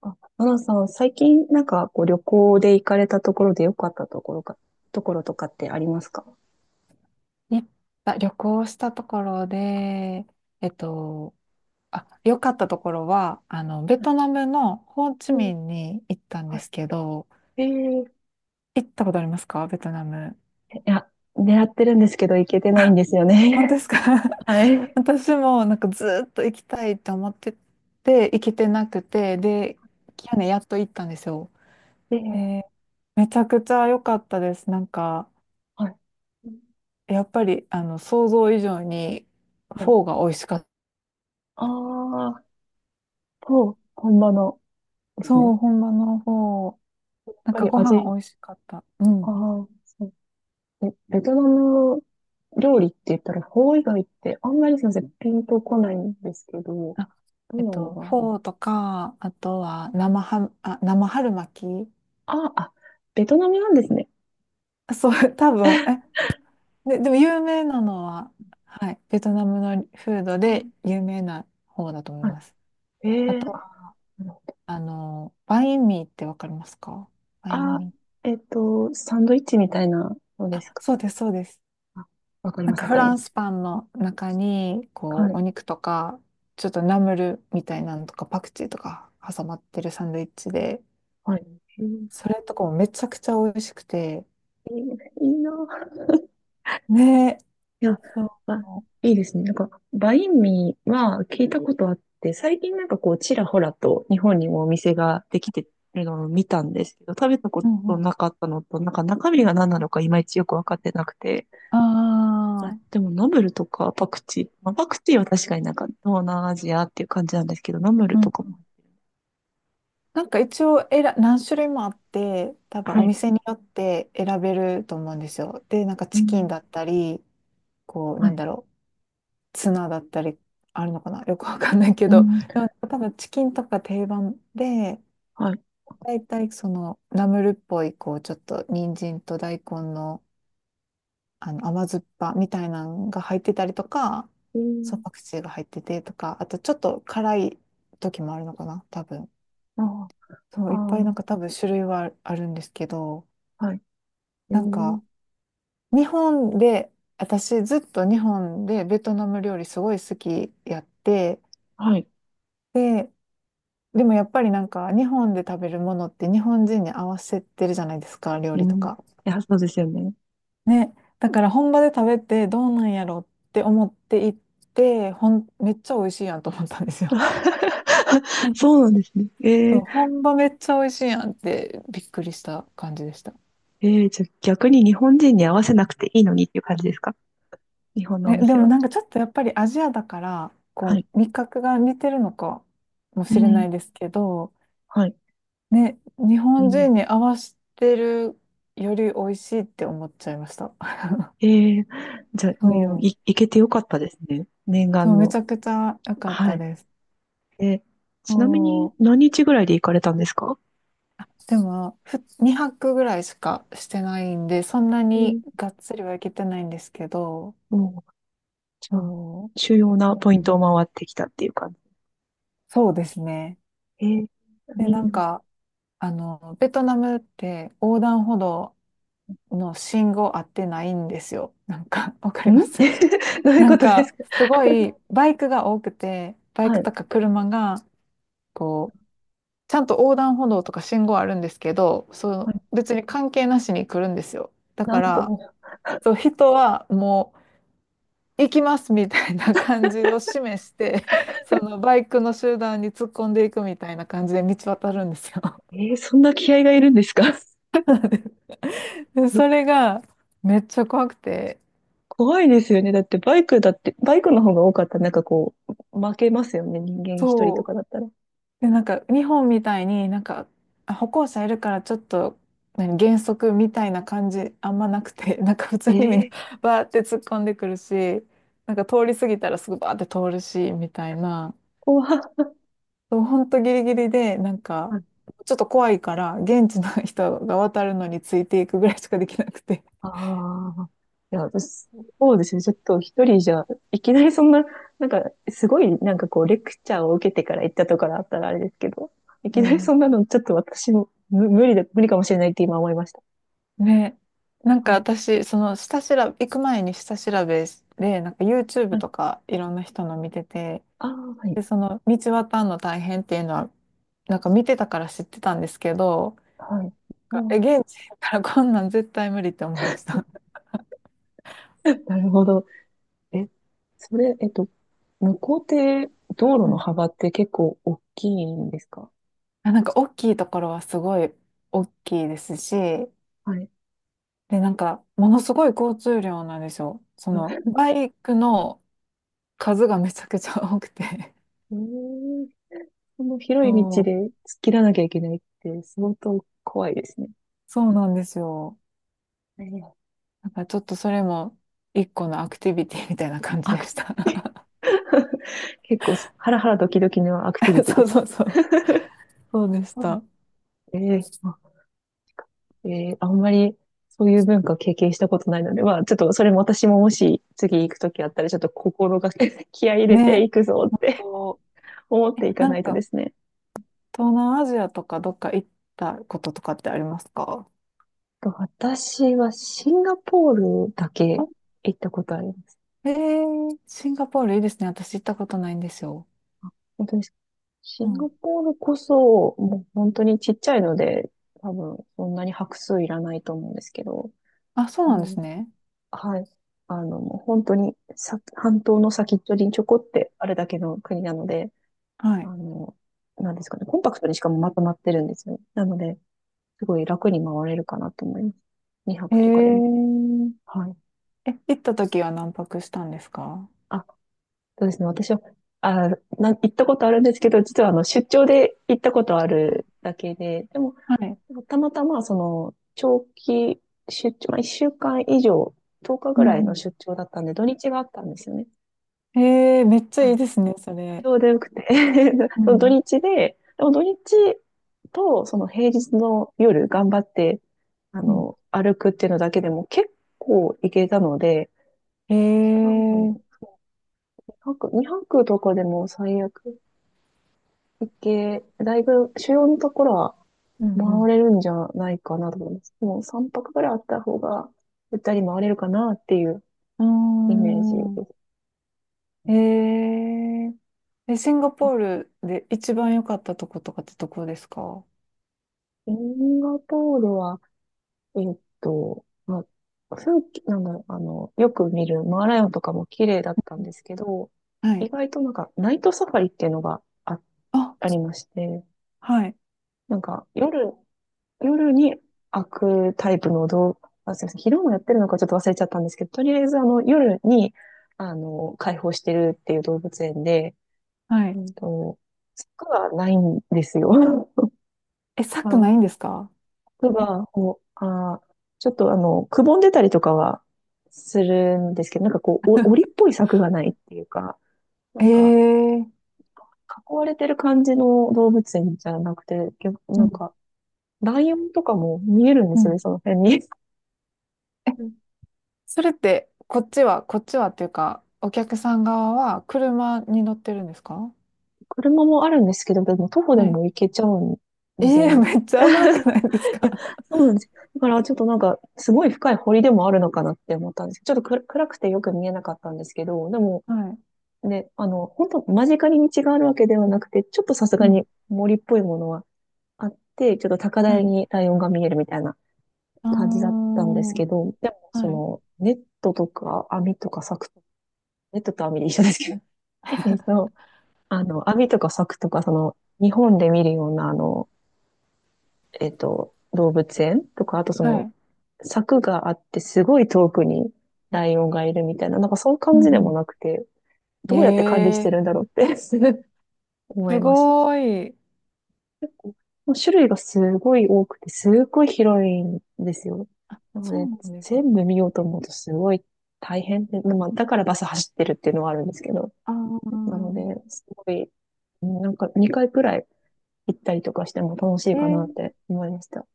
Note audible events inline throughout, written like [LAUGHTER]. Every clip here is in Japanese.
あ、アナさん、最近旅行で行かれたところで良かったところか、ところとかってありますか？いっぱい旅行したところで、えっと、良かったところは、ベトナムのホーチうミん。ンに行ったんではすけど、い。行ったことありますかベトナム。や、狙ってるんですけど行けてないんあ、ですよ本当でね。すか。 [LAUGHS] [LAUGHS] はい。私もなんかずーっと行きたいと思ってて、行けてなくて、で、去年やっと行ったんですよ。で、で、めちゃくちゃ良かったです。なんか、はい。うん、やっぱり、想像以上に、はフい。ォーが美味しかった。ああ、と、本場のですそね。う、本場のフォー。やっなんぱかりご飯味、美味しかった。うあん。あ、そう。え、ベトナム料理って言ったら、フォー以外ってあんまり、すいません、ピンとこないんですけど、あ、どうなのかな？フォーとか、あとは生春巻き。あ、あ、ベトナムなんですね。あそう、[LAUGHS] 多分、え、で、でも有名なのは、はい、ベトナムのフードであ、有名な方だと思いはます。い。あえとえ、は、バインミーってわかりますか。バイあ、ンあ、ミー。えっと、サンドイッチみたいなのですあ、かそうね。です、そうです。あ、わかりなんます、かわフかりラまンす。スパンの中に、はこう、い。お肉とか、ちょっとナムルみたいなのとか、パクチーとか挟まってるサンドイッチで、はい。えーそれとかもめちゃくちゃ美味しくて、いいいな。ねえ、いや、そあ、いいですね。なんか、バインミーは聞いたことあって、最近、ちらほらと日本にもお店ができてるのを見たんですけど、食べたこう。うんとうん。なかったのと、なんか中身が何なのかいまいちよくわかってなくて、あはい。あ、でも、ナムルとかパクチー。まあ、パクチーは確かになんか東南アジアっていう感じなんですけど、ナムルうとん。かも。なんか一応選何種類もあって、多分はおい。店によって選べると思うんですよ。で、なんかうチキンん。だったり、こう、はなんい。だろう、ツナだったり、あるのかなよくわかんないけうど、ん。でも多分チキンとか定番で、はい。大体そのナムルっぽい、こう、ちょっと人参と大根の甘酸っぱみたいなのが入ってたりとか、えそう、ー、パクチーが入っててとか、あとちょっと辛い時もあるのかな、多分。あそあ、う、あいっぱいー、なんか多分種類はあるんですけど、はい。えなんー、か、日本で、私ずっと日本でベトナム料理すごい好きやって、はい。で、でもやっぱりなんか日本で食べるものって日本人に合わせてるじゃないですか、料う理とん。いか。や、そうですよね。ね、だから本場で食べてどうなんやろって思って行って、ほん、めっちゃ美味しいやんと思ったんですよ。[LAUGHS] そう [LAUGHS] なんですね。そうー、本場めっちゃ美味しいやんってびっくりした感じでした。えー、じゃあ逆に日本人に合わせなくていいのにっていう感じですか？日本のおね、で店もは。なんかちょっとやっぱりアジアだから、こはい。う味覚が似てるのかもうしれなん。いですけど、はい。ね、日う本ん。人に合わせてるより美味しいって思っちゃいました。[LAUGHS] えー、じゃあ、うん、そう、い、行けてよかったですね。念そ願う、めの。ちゃくちゃ良かっはたい。です。え、ちなみにそう何日ぐらいで行かれたんですか？でも、2泊ぐらいしかしてないんで、そんなうにん。がっつりはいけてないんですけど、もう、じゃあ、そう、主要なポイントを回ってきたっていう感じ。そうですね。えー、いで、いなんのん。 か、ベトナムって横断歩道の信号合ってないんですよ。なんか、[LAUGHS] わかります。 [LAUGHS] どう [LAUGHS] いうなこんとですか、か？すごいバイクが多くて、バイはクい。とか車が、こう、ちゃんと横断歩道とか信号あるんですけど、そはう、い。別に関係なしに来るんですよ。だなかんら、と、そう、人はもう、行きますみたいな感じを示して、[LAUGHS] そのバイクの集団に突っ込んでいくみたいな感じで道渡るんですよ。えー、そんな気合がいるんですか？ [LAUGHS] で、そ [LAUGHS] れがめっちゃ怖くて、怖いですよね。だってバイクだって、バイクの方が多かったらなんかこう、負けますよね。人間一人とそう。かだったら。で、なんか日本みたいになんかあ歩行者いるからちょっと何減速みたいな感じあんまなくて、[LAUGHS] なんか普通えにみんな ー、[LAUGHS] バーって突っ込んでくるし、なんか通り過ぎたらすぐバーって通るし、みたいな。怖っ。そう、ほんとギリギリで、なんか、ちょっと怖いから、現地の [LAUGHS] 人が渡るのについていくぐらいしかできなくて。ああ、いや、私、そうですね。ちょっと一人じゃ、いきなりそんな、なんか、すごい、なんかこう、レクチャーを受けてから行ったとかだったらあれですけど、いうきなりん。そんなの、ちょっと私も、む、無理だ、無理かもしれないって今思いました。ね。なんかはい。私、その下調べ、行く前に下調べで、なんか YouTube はい。とかいろんな人の見てて、ああ、はい。で、その道渡るの大変っていうのは、なんか見てたから知ってたんですけど、はい。あなんかえ、あ、現地行ったらこんなん絶対無理って思いました。[LAUGHS] なるほど。え、それ、向こうって道路うのん。幅って結構大きいんですか？あなんか大きいところはすごい大きいですし、はい。で、なんか、ものすごい交通量なんですよ。その、[LAUGHS] バイクの数がめちゃくちゃ多くて。[LAUGHS] えー、その広い道そう、で突っ切らなきゃいけないって相当怖いですね。そうなんですよ。えー、なんかちょっとそれも一個のアクティビティみたいな感じアでクしティ、 た。[LAUGHS] 結構ハラハラドキドキのアクティビ [LAUGHS] ティそでうす？そうそう。そうでしうん、た。ね。えー、あんまりそういう文化経験したことないので、まあちょっとそれも私ももし次行くときあったらちょっと心がけ、 [LAUGHS] 気合い入れてね。いくぞっあて と、[LAUGHS] 思っえ、ていかななんいとでか、すね。東南アジアとかどっか行ったこととかってありますか。と、私はシンガポールだけあ行ったことあります。えー、シンガポールいいですね。私行ったことないんですよ。本当に、シうンガん。ポールこそもう本当にちっちゃいので多分そんなに拍数いらないと思うんですけど、あ、そううなんですん、ね。はい。あの、もう本当にさ、半島の先っちょにちょこってあるだけの国なので、はあい。の、なんですかね、コンパクトにしかもまとまってるんですよね。なので、すごい楽に回れるかなと思います。2え泊とかでも。ーはい。え、行った時は何泊したんですか。あ、そうですね。私は、あ、な、行ったことあるんですけど、実はあの、出張で行ったことあるだけで、でも、はい。たまたまその、長期出張、まあ、1週間以上、10日うぐらいんのう出張だったんで、土日があったんですよね。ん。ええめっちゃはいいい、ですね、そちれ。ょうどよくて [LAUGHS] うその土ん。日で、でも土日とその平日の夜頑張って、あうん。の、歩くっていうのだけでも結構行けたので、多分、ええ2泊、にはくとかでも最悪行け、だいぶ主要のところはうん回れるんじゃないかなと思います。でも3泊ぐらいあった方が、ゆったり回れるかなっていううイメージでん。あす。ーえええ、シンガポールで一番良かったとことかってどこですか。シンガポールは、まあ、風景、なんだろう、あの、よく見るマーライオンとかも綺麗だったうんん、ですけど、は意い。外となんかナイトサファリっていうのがあ、あ、ありまして、はい。なんか夜、夜に開くタイプの動画、あ、すみません、昼もやってるのかちょっと忘れちゃったんですけど、とりあえずあの、夜に、あの、開放してるっていう動物園で、はうい。んと、柵がないんですよ。[LAUGHS] だかえ、サらくないんですか。 服が、こう、あー、ちょっとあの、くぼんでたりとかはするんですけど、なんかこう、お、[LAUGHS] 檻っぽい柵がないっていうか、なえんか、え囲われてる感じの動物園じゃなくて、逆うなんんか、ライオンとかも見えるんでうすよね、ん。その辺に。[LAUGHS] え、うん、それって、こっちはっていうか、お客さん側は車に乗ってるんですか。車もあるんですけど、でも徒歩ではい。も行けちゃうんえですよえーね。めっちゃ危なくないですいか。 や、そうなんですよ。だからちょっとなんか、すごい深い堀でもあるのかなって思ったんですけど、ちょっとく、暗くてよく見えなかったんですけど、でも、[LAUGHS] はい。で、あの、本当間近に道があるわけではなくて、ちょっとさすうがん。に森っぽいものはあって、ちょっと高は台い。にライオンが見えるみたいなあ感じだったんですーけど、でも、はそい。の、ネットとか網とか柵とか、ネットと網で一緒ですけど、[LAUGHS] えっと、あの、網とか柵とか、その、日本で見るような、あの、動物園とか、あとそはの、い。柵があってすごい遠くにライオンがいるみたいな、なんかそういうう感じでんもうなくて、ん。どうやって管理しえてえるんーだろうって [LAUGHS] 思すいました。ごーい。もう種類がすごい多くて、すっごい広いんですよ。なのそうで、なんです全部ね。見ようと思うとすごい大変で、まあ、だからバス走ってるっていうのはあるんですけど、あなので、ーすごい、なんか2回くらい行ったりとかしても楽しいえー、かなって思いました。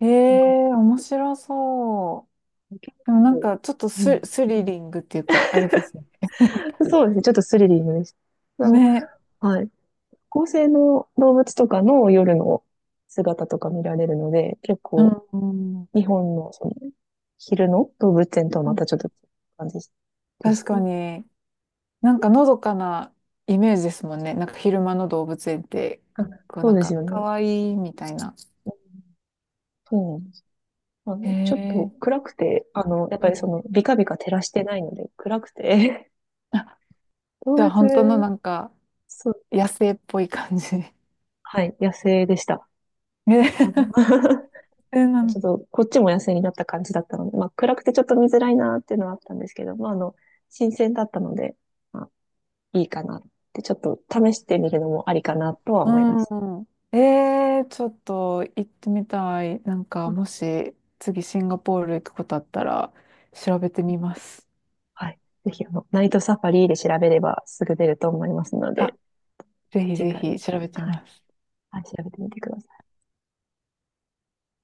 えーなんか面白そう。結でもなん構、かちょっとうス、ん、スリリングっていうか、あれですね。そうですね。ちょっとスリリングでした。あの、ね。はい。恒星の動物とかの夜の姿とか見られるので、結う構ん、うん、日本のその昼の動物園とはまたちょっと違う感じでし確たかね。に。なんかのどかなイメージですもんね。なんか昼間の動物園って、あ、こうそなうんですかよね。可愛いみたいな。そうなんです。あの、ちょっとええ暗くて、あの、やっうぱりそん。の、ビカビカ照らしてないので、暗くて、あ、[LAUGHS] 動じゃあ物、本当のなんかそう、野生っぽい感じ。はい、野生でした。あの [LAUGHS] ね、な [LAUGHS] ちんょっと、こっちも野生になった感じだったので、まあ、暗くてちょっと見づらいなっていうのはあったんですけど、まあ、あの、新鮮だったので、まあ、いいかなって、ちょっと試してみるのもありかなとは思います。うん。えー、ちょっと行ってみたい。なんかもし次シンガポール行くことあったら調べてみます。はい。ぜひ、あの、ナイトサファリで調べればすぐ出ると思いますので、あ、ぜひ次ぜ回、ひ調べてみはい。ます。はい、調べてみてください。